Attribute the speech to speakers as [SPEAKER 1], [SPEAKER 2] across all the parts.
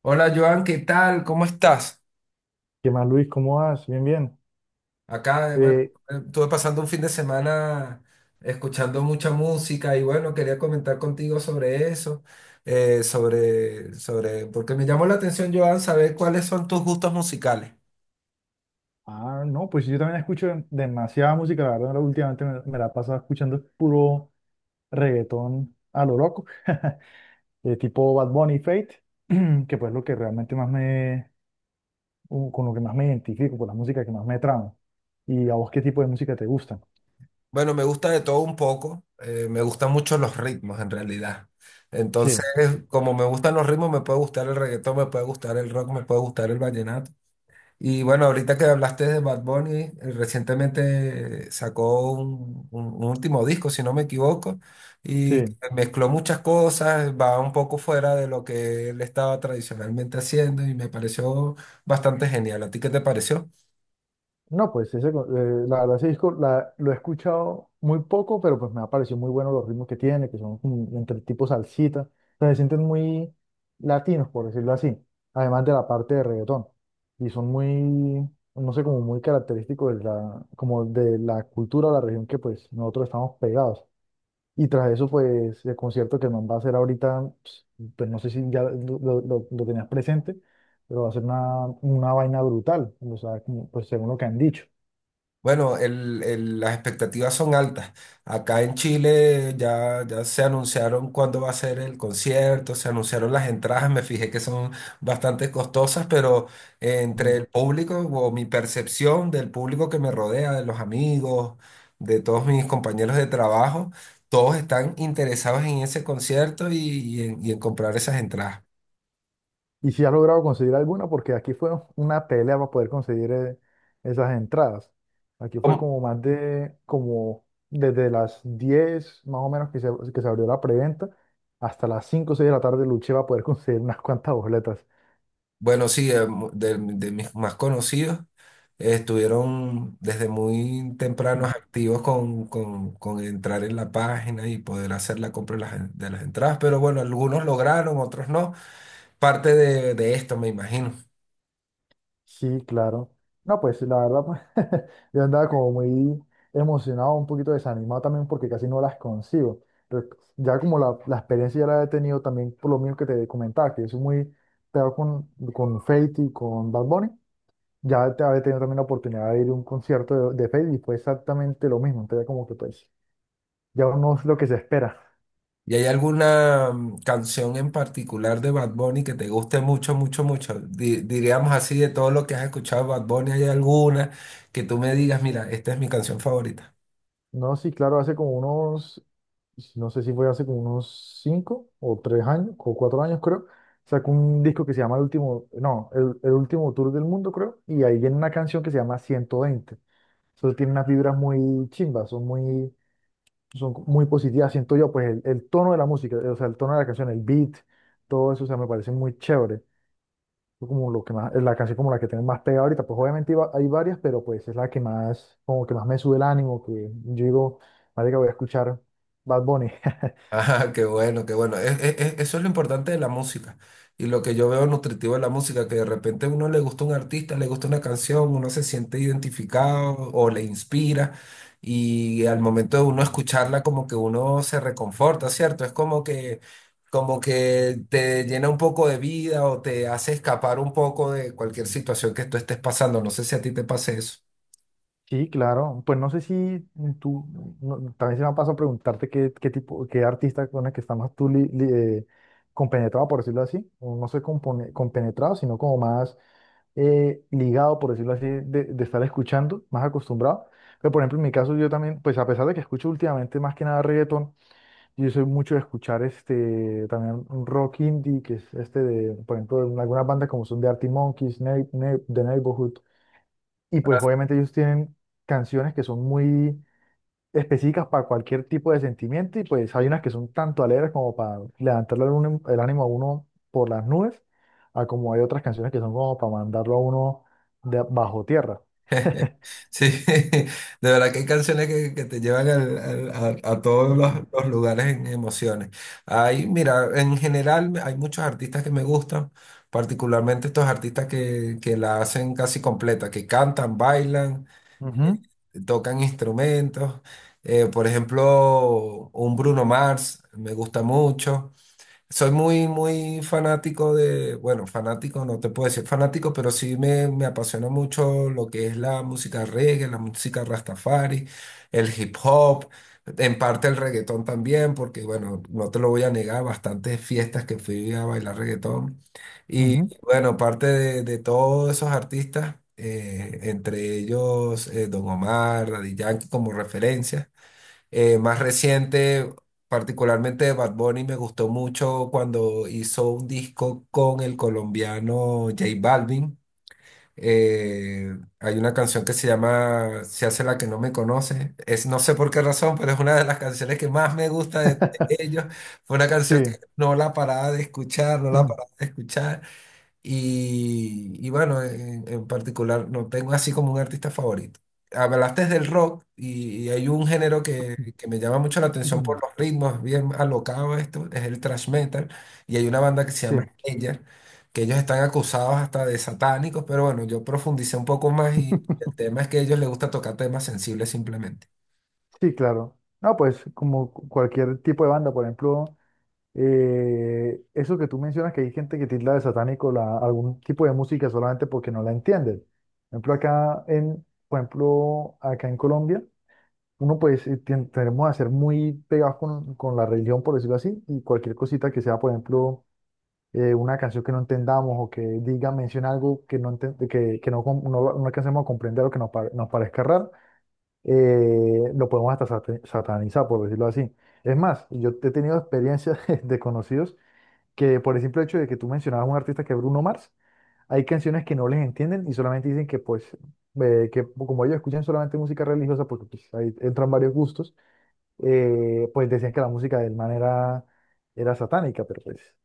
[SPEAKER 1] Hola Joan, ¿qué tal? ¿Cómo estás?
[SPEAKER 2] ¿Qué más, Luis? ¿Cómo vas? Bien, bien.
[SPEAKER 1] Acá, bueno,
[SPEAKER 2] Eh,
[SPEAKER 1] estuve pasando un fin de semana escuchando mucha música y bueno, quería comentar contigo sobre eso, porque me llamó la atención, Joan, saber cuáles son tus gustos musicales.
[SPEAKER 2] no, pues yo también escucho demasiada música, la verdad, últimamente me la he pasado escuchando puro reggaetón a lo loco, tipo Bad Bunny Fate, que pues lo que realmente más con lo que más me identifico, con la música que más me trama. ¿Y a vos qué tipo de música te gusta?
[SPEAKER 1] Bueno, me gusta de todo un poco, me gustan mucho los ritmos en realidad. Entonces,
[SPEAKER 2] Sí,
[SPEAKER 1] como me gustan los ritmos, me puede gustar el reggaetón, me puede gustar el rock, me puede gustar el vallenato. Y bueno, ahorita que hablaste de Bad Bunny, recientemente sacó un último disco, si no me equivoco, y
[SPEAKER 2] sí.
[SPEAKER 1] mezcló muchas cosas, va un poco fuera de lo que él estaba tradicionalmente haciendo y me pareció bastante genial. ¿A ti qué te pareció?
[SPEAKER 2] No, pues la verdad ese disco lo he escuchado muy poco, pero pues me ha parecido muy bueno los ritmos que tiene, que son como entre tipo salsita, o sea, se sienten muy latinos, por decirlo así, además de la parte de reggaetón, y son muy, no sé, como muy característicos de la, como de la cultura o la región que pues nosotros estamos pegados. Y tras eso, pues el concierto que el man va a hacer ahorita, pues, pues, no sé si ya lo tenías presente, pero va a ser una vaina brutal, o sea, como, pues según lo que han dicho.
[SPEAKER 1] Bueno, las expectativas son altas. Acá en Chile ya se anunciaron cuándo va a ser el concierto, se anunciaron las entradas, me fijé que son bastante costosas, pero entre
[SPEAKER 2] Mm.
[SPEAKER 1] el público o mi percepción del público que me rodea, de los amigos, de todos mis compañeros de trabajo, todos están interesados en ese concierto y en comprar esas entradas.
[SPEAKER 2] Y si has logrado conseguir alguna, porque aquí fue una pelea para poder conseguir esas entradas. Aquí fue
[SPEAKER 1] ¿Cómo?
[SPEAKER 2] como más de, como desde las 10 más o menos que se abrió la preventa, hasta las 5 o 6 de la tarde luché para poder conseguir unas cuantas boletas.
[SPEAKER 1] Bueno, sí, de mis más conocidos estuvieron desde muy
[SPEAKER 2] Mm.
[SPEAKER 1] tempranos activos con entrar en la página y poder hacer la compra de las entradas, pero bueno, algunos lograron, otros no. Parte de esto, me imagino.
[SPEAKER 2] Sí, claro. No, pues la verdad, pues yo andaba como muy emocionado, un poquito desanimado también porque casi no las consigo. Pero ya como la experiencia ya la he tenido también por lo mismo que te comentaba, que soy muy pegado con Feid y con Bad Bunny, ya te había tenido también la oportunidad de ir a un concierto de Feid y fue exactamente lo mismo. Entonces ya como que pues ya uno es lo que se espera.
[SPEAKER 1] ¿Y hay alguna canción en particular de Bad Bunny que te guste mucho, mucho, mucho? Diríamos así, de todo lo que has escuchado de Bad Bunny, ¿hay alguna que tú me digas, mira, esta es mi canción favorita?
[SPEAKER 2] No, sí, claro, hace como unos, no sé si fue hace como unos 5 o 3 años, o 4 años creo, sacó un disco que se llama El Último, no, El Último Tour del Mundo creo, y ahí viene una canción que se llama 120. Entonces tiene unas vibras muy chimbas, son muy positivas, siento yo, el tono de la música, o sea, el tono de la canción, el beat, todo eso, o sea, me parece muy chévere. Fue como lo que más, es la canción como la que tengo más pegada ahorita, pues obviamente iba- hay varias, pero pues es la que más, como que más me sube el ánimo, que yo digo, vale que voy a escuchar Bad Bunny.
[SPEAKER 1] Ah, qué bueno, qué bueno. Eso es lo importante de la música. Y lo que yo veo nutritivo de la música, que de repente a uno le gusta un artista, le gusta una canción, uno se siente identificado o le inspira. Y al momento de uno escucharla, como que uno se reconforta, ¿cierto? Es como que te llena un poco de vida o te hace escapar un poco de cualquier situación que tú estés pasando. No sé si a ti te pase eso.
[SPEAKER 2] Sí, claro, pues no sé si tú, no- también se me ha pasado a preguntarte qué artista con el que estás más tú eh, compenetrado, por decirlo así, o no sé, compenetrado, sino como más ligado, por decirlo así, de estar escuchando, más acostumbrado. Pero por ejemplo, en mi caso yo también, pues a pesar de que escucho últimamente más que nada reggaetón, yo soy mucho de escuchar este también un rock indie, que es este de, por ejemplo, de algunas bandas como son de Arctic Monkeys, The Neighborhood. Y pues obviamente ellos tienen canciones que son muy específicas para cualquier tipo de sentimiento y pues hay unas que son tanto alegres como para levantarle el ánimo a uno por las nubes, a como hay otras canciones que son como para mandarlo a uno de bajo tierra.
[SPEAKER 1] Sí, de verdad que hay canciones que te llevan a todos los lugares en emociones. Hay, mira, en general hay muchos artistas que me gustan, particularmente estos artistas que la hacen casi completa, que cantan, bailan, tocan instrumentos. Por ejemplo, un Bruno Mars me gusta mucho. Soy muy, muy fanático de, bueno, fanático, no te puedo decir fanático, pero sí me apasiona mucho lo que es la música reggae, la música rastafari, el hip hop, en parte el reggaetón también, porque bueno, no te lo voy a negar, bastantes fiestas que fui a bailar reggaetón.
[SPEAKER 2] Ujú,
[SPEAKER 1] Y
[SPEAKER 2] ujú.
[SPEAKER 1] bueno, parte de todos esos artistas, entre ellos, Don Omar, Daddy Yankee como referencia. Más reciente, particularmente de Bad Bunny, me gustó mucho cuando hizo un disco con el colombiano J Balvin. Hay una canción que se llama Se hace la que no me conoce. Es, no sé por qué razón, pero es una de las canciones que más me gusta de ellos. Fue una canción que
[SPEAKER 2] Sí.
[SPEAKER 1] no la paraba de escuchar, no la paraba de escuchar. Y bueno, en particular no tengo así como un artista favorito. Hablaste del rock y hay un género que me llama mucho la atención por los ritmos, bien alocado esto, es el thrash metal. Y hay una banda que se llama
[SPEAKER 2] Sí.
[SPEAKER 1] Slayer, que ellos están acusados hasta de satánicos, pero bueno, yo profundicé un poco más y el tema es que a ellos les gusta tocar temas sensibles simplemente.
[SPEAKER 2] Sí, claro. No, pues como cualquier tipo de banda, por ejemplo, eso que tú mencionas, que hay gente que tilda de satánico la, algún tipo de música solamente porque no la entienden. Por ejemplo, por ejemplo, acá en Colombia, uno pues tenemos a ser muy pegados con la religión, por decirlo así, y cualquier cosita que sea, por ejemplo, una canción que no entendamos o que diga, menciona algo que no, no, no alcancemos a comprender o que nos, nos parezca raro, lo podemos hasta satanizar, por decirlo así. Es más, yo he tenido experiencias de conocidos que por el simple hecho de que tú mencionabas un artista que es Bruno Mars, hay canciones que no les entienden y solamente dicen que pues, que como ellos escuchan solamente música religiosa, porque pues, ahí entran varios gustos, pues decían que la música del man era, era satánica, pero pues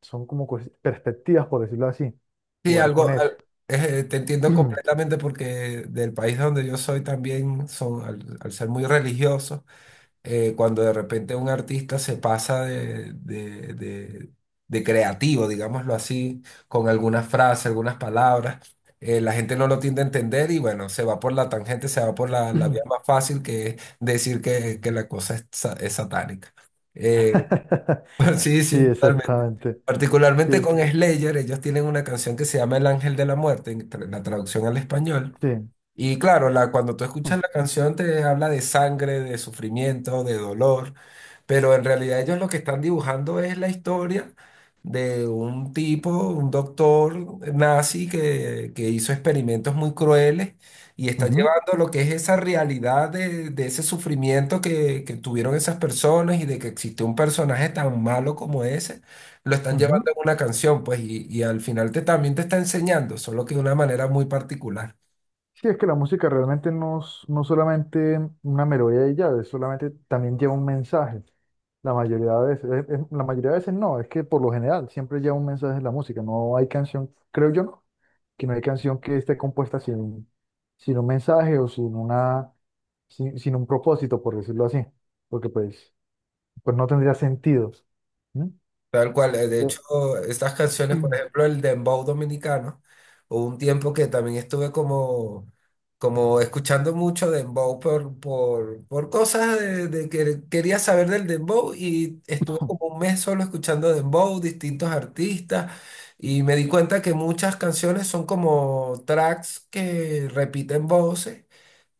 [SPEAKER 2] son como perspectivas, por decirlo así,
[SPEAKER 1] Sí,
[SPEAKER 2] jugar con eso.
[SPEAKER 1] te entiendo completamente porque del país donde yo soy también son, al al ser muy religiosos cuando de repente un artista se pasa de creativo, digámoslo así, con algunas frases, algunas palabras, la gente no lo tiende a entender y bueno, se va por la tangente, se va por la, la vía más fácil que es decir que la cosa es, es satánica. Eh, sí,
[SPEAKER 2] Sí,
[SPEAKER 1] sí, totalmente.
[SPEAKER 2] exactamente. Sí,
[SPEAKER 1] Particularmente con Slayer, ellos tienen una canción que se llama El Ángel de la Muerte, en la traducción al español.
[SPEAKER 2] sí.
[SPEAKER 1] Y claro, la, cuando tú escuchas la canción te habla de sangre, de sufrimiento, de dolor, pero en realidad ellos lo que están dibujando es la historia de un tipo, un doctor nazi que hizo experimentos muy crueles y está
[SPEAKER 2] Ujú,
[SPEAKER 1] llevando lo que es esa realidad de ese sufrimiento que tuvieron esas personas y de que existe un personaje tan malo como ese, lo están
[SPEAKER 2] ujú.
[SPEAKER 1] llevando en una canción, pues, y al final te también te está enseñando, solo que de una manera muy particular.
[SPEAKER 2] Sí, es que la música realmente no, es- no solamente una melodía y ya, es solamente también lleva un mensaje. La mayoría de veces, la mayoría de veces no, es que por lo general siempre lleva un mensaje en la música. No hay canción, creo yo, no, que no hay canción que esté compuesta sin un mensaje o sin una, sin un propósito, por decirlo así, porque pues, pues no tendría sentido. ¿Mm?
[SPEAKER 1] Tal cual, de
[SPEAKER 2] Eh,
[SPEAKER 1] hecho, estas canciones, por ejemplo, el dembow dominicano, hubo un tiempo que también estuve como, como escuchando mucho dembow por cosas de que quería saber del dembow y estuve como un mes solo escuchando dembow, distintos artistas, y me di cuenta que muchas canciones son como tracks que repiten voces.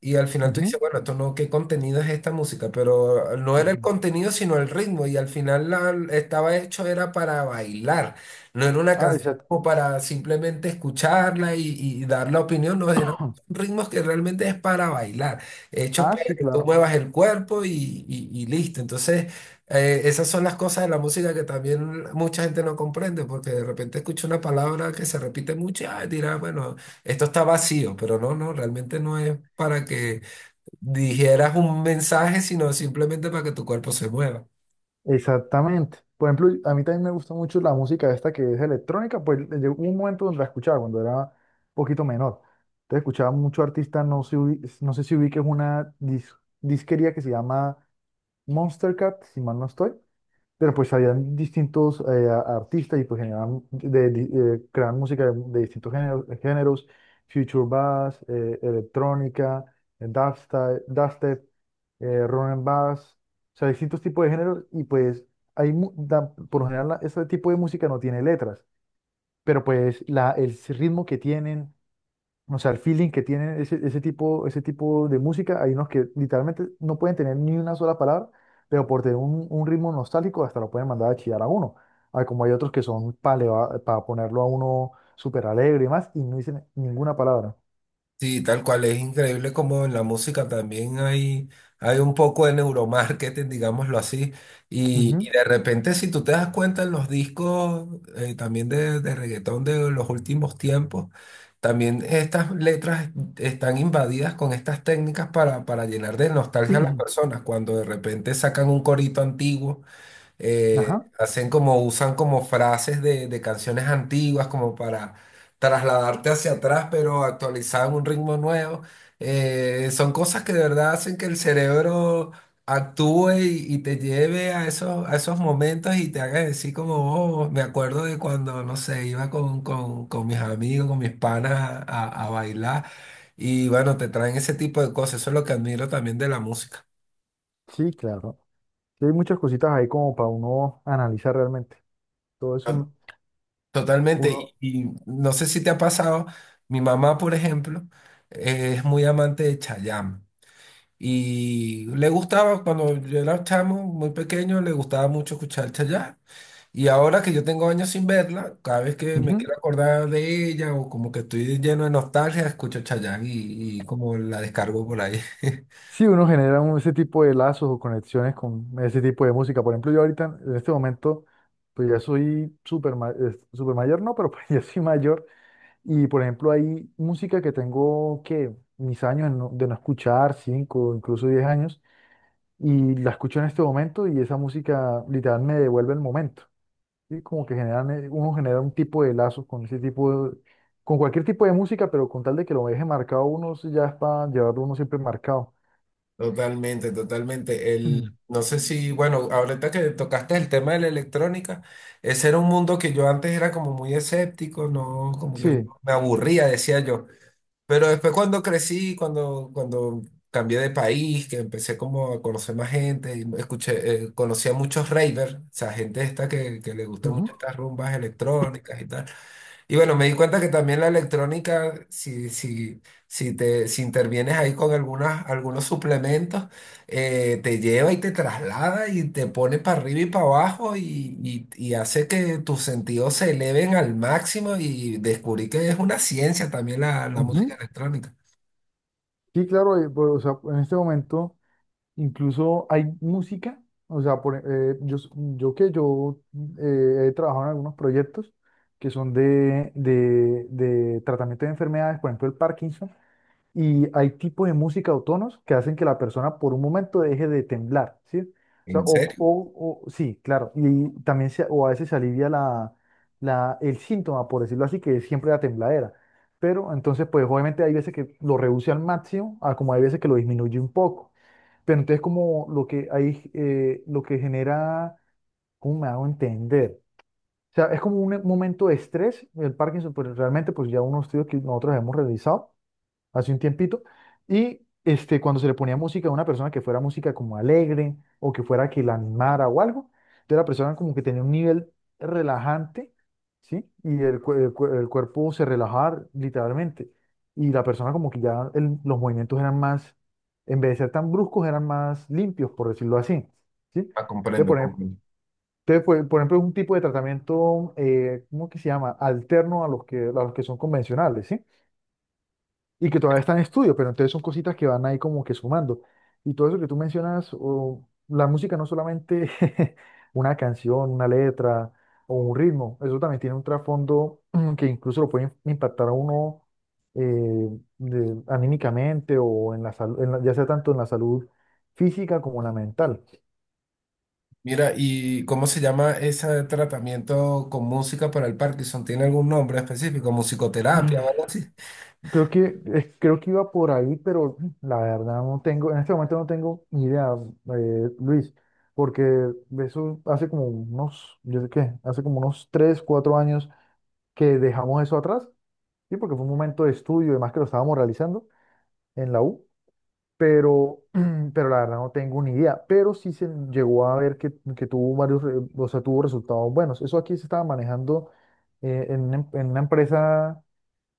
[SPEAKER 1] Y al final tú dices,
[SPEAKER 2] ujú.
[SPEAKER 1] bueno, esto no, ¿qué contenido es esta música? Pero no era el contenido, sino el ritmo. Y al final la, estaba hecho era para bailar. No era una
[SPEAKER 2] Ah,
[SPEAKER 1] canción
[SPEAKER 2] exacto.
[SPEAKER 1] como para simplemente escucharla y dar la opinión. No, eran ritmos que realmente es para bailar. Hechos
[SPEAKER 2] Ah,
[SPEAKER 1] para
[SPEAKER 2] sí,
[SPEAKER 1] que tú
[SPEAKER 2] claro.
[SPEAKER 1] muevas el cuerpo y listo. Entonces, esas son las cosas de la música que también mucha gente no comprende, porque de repente escucha una palabra que se repite mucho y ah, dirá, bueno. Esto está vacío, pero no, no, realmente no es para que dijeras un mensaje, sino simplemente para que tu cuerpo se mueva.
[SPEAKER 2] Exactamente. Por ejemplo, a mí también me gusta mucho la música esta que es electrónica, pues llegó un momento donde la escuchaba cuando era un poquito menor. Entonces escuchaba mucho artista, no sé, no sé si ubiques una disquería que se llama Monster Cat, si mal no estoy. Pero pues habían distintos artistas y pues creaban música de distintos géneros, Future Bass, electrónica, dubstep, run and bass, o sea, distintos tipos de géneros y pues hay, por lo general ese tipo de música no tiene letras, pero pues la, el ritmo que tienen, o sea, el feeling que tienen ese tipo de música, hay unos que literalmente no pueden tener ni una sola palabra, pero por tener un ritmo nostálgico hasta lo pueden mandar a chillar a uno. Ah, como hay otros que son para ponerlo a uno súper alegre y más, y no dicen ninguna palabra.
[SPEAKER 1] Sí, tal cual, es increíble como en la música también hay un poco de neuromarketing, digámoslo así, y
[SPEAKER 2] Ujú.
[SPEAKER 1] de repente si tú te das cuenta en los discos también de reggaetón de los últimos tiempos, también estas letras están invadidas con estas técnicas para llenar de nostalgia a las personas, cuando de repente sacan un corito antiguo,
[SPEAKER 2] Ajá,
[SPEAKER 1] hacen como, usan como frases de canciones antiguas como para trasladarte hacia atrás, pero actualizado en un ritmo nuevo. Son cosas que de verdad hacen que el cerebro actúe y te lleve a a esos momentos y te haga decir como, oh, me acuerdo de cuando, no sé, iba con mis amigos, con mis panas a bailar. Y bueno, te traen ese tipo de cosas. Eso es lo que admiro también de la música.
[SPEAKER 2] sí, claro. Sí, hay muchas cositas ahí como para uno analizar realmente. Todo es un,
[SPEAKER 1] Totalmente,
[SPEAKER 2] uno.
[SPEAKER 1] y no sé si te ha pasado, mi mamá, por ejemplo, es muy amante de Chayanne y le gustaba, cuando yo era chamo, muy pequeño, le gustaba mucho escuchar Chayanne y ahora que yo tengo años sin verla, cada vez que me
[SPEAKER 2] Ujú.
[SPEAKER 1] quiero acordar de ella o como que estoy lleno de nostalgia, escucho Chayanne y como la descargo por ahí.
[SPEAKER 2] Sí, uno genera un- ese tipo de lazos o conexiones con ese tipo de música. Por ejemplo, yo ahorita, en este momento, pues ya soy súper mayor, no, pero pues ya soy mayor. Y por ejemplo, hay música que tengo que mis años de no escuchar, 5 incluso 10 años, y la escucho en este momento y esa música literal me devuelve el momento. ¿Sí? Como que generan, uno genera un tipo de lazos con ese tipo de- con cualquier tipo de música, pero con tal de que lo deje marcado uno, sí, ya es para llevarlo uno siempre marcado.
[SPEAKER 1] Totalmente, totalmente. El, no sé si, bueno, ahorita que tocaste el tema de la electrónica, ese era un mundo que yo antes era como muy escéptico, no, como que
[SPEAKER 2] Sí.
[SPEAKER 1] me aburría, decía yo. Pero después cuando crecí, cuando cambié de país, que empecé como a conocer más gente, y escuché, conocí a muchos ravers, o sea, gente esta que le gustan mucho
[SPEAKER 2] Ujú,
[SPEAKER 1] estas rumbas electrónicas y tal. Y bueno, me di cuenta que también la electrónica, si te, si intervienes ahí con algunas, algunos suplementos, te lleva y te traslada y te pone para arriba y para abajo y hace que tus sentidos se eleven al máximo y descubrí que es una ciencia también la música
[SPEAKER 2] ujú.
[SPEAKER 1] electrónica.
[SPEAKER 2] Sí, claro, pues, o sea, en este momento incluso hay música, o sea, por, yo que yo he trabajado en algunos proyectos que son de tratamiento de enfermedades, por ejemplo, el Parkinson, y hay tipos de música o tonos que hacen que la persona por un momento deje de temblar, ¿sí? O sea,
[SPEAKER 1] ¿En serio?
[SPEAKER 2] sí, claro. Y también o a veces se alivia el síntoma, por decirlo así, que es siempre la tembladera. Pero entonces, pues obviamente hay veces que lo reduce al máximo, a como hay veces que lo disminuye un poco. Pero entonces como lo que hay, lo que genera, ¿cómo me hago entender? O sea, es como un momento de estrés, el Parkinson, pues realmente, pues ya unos estudios que nosotros hemos realizado hace un tiempito, y este, cuando se le ponía música a una persona que fuera música como alegre o que fuera que la animara o algo, entonces la persona como que tenía un nivel relajante, ¿sí? Y el, el cuerpo se relajaba literalmente, y la persona como que ya los movimientos eran más, en vez de ser tan bruscos, eran más limpios, por decirlo así, ¿sí?
[SPEAKER 1] Ah,
[SPEAKER 2] Entonces,
[SPEAKER 1] comprendo, comprendo.
[SPEAKER 2] por ejemplo, es un tipo de tratamiento, ¿cómo que se llama? Alterno a los que son convencionales, ¿sí? Y que todavía está en estudio, pero entonces son cositas que van ahí como que sumando. Y todo eso que tú mencionas, o la música no solamente una canción, una letra o un ritmo, eso también tiene un trasfondo que incluso lo puede impactar a uno, eh, de- anímicamente o en la salud, ya sea tanto en la salud física como en la mental.
[SPEAKER 1] Mira, ¿y cómo se llama ese tratamiento con música para el Parkinson? ¿Tiene algún nombre específico? ¿Musicoterapia o algo así?
[SPEAKER 2] Creo que iba por ahí, pero la verdad no tengo, en este momento no tengo ni idea, Luis, porque eso hace como unos, yo sé qué, hace como unos 3, 4 años que dejamos eso atrás, sí, porque fue un momento de estudio, y además que lo estábamos realizando en la U, pero, pero la verdad no tengo ni idea, pero sí se llegó a ver que tuvo varios, o sea, tuvo resultados buenos. Eso aquí se estaba manejando en una en una empresa,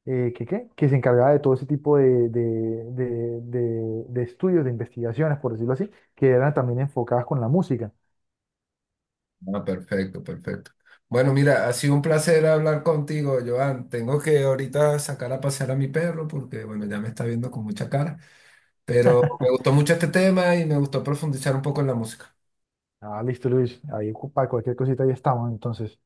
[SPEAKER 2] que, ¿qué? Que se encargaba de todo ese tipo de- estudios, de investigaciones, por decirlo así, que eran también enfocadas con la música.
[SPEAKER 1] Ah, perfecto, perfecto. Bueno, mira, ha sido un placer hablar contigo, Joan. Tengo que ahorita sacar a pasear a mi perro porque, bueno, ya me está viendo con mucha cara. Pero me gustó mucho este tema y me gustó profundizar un poco en la música.
[SPEAKER 2] Ah, listo, Luis, ahí para cualquier cosita ahí estamos, entonces.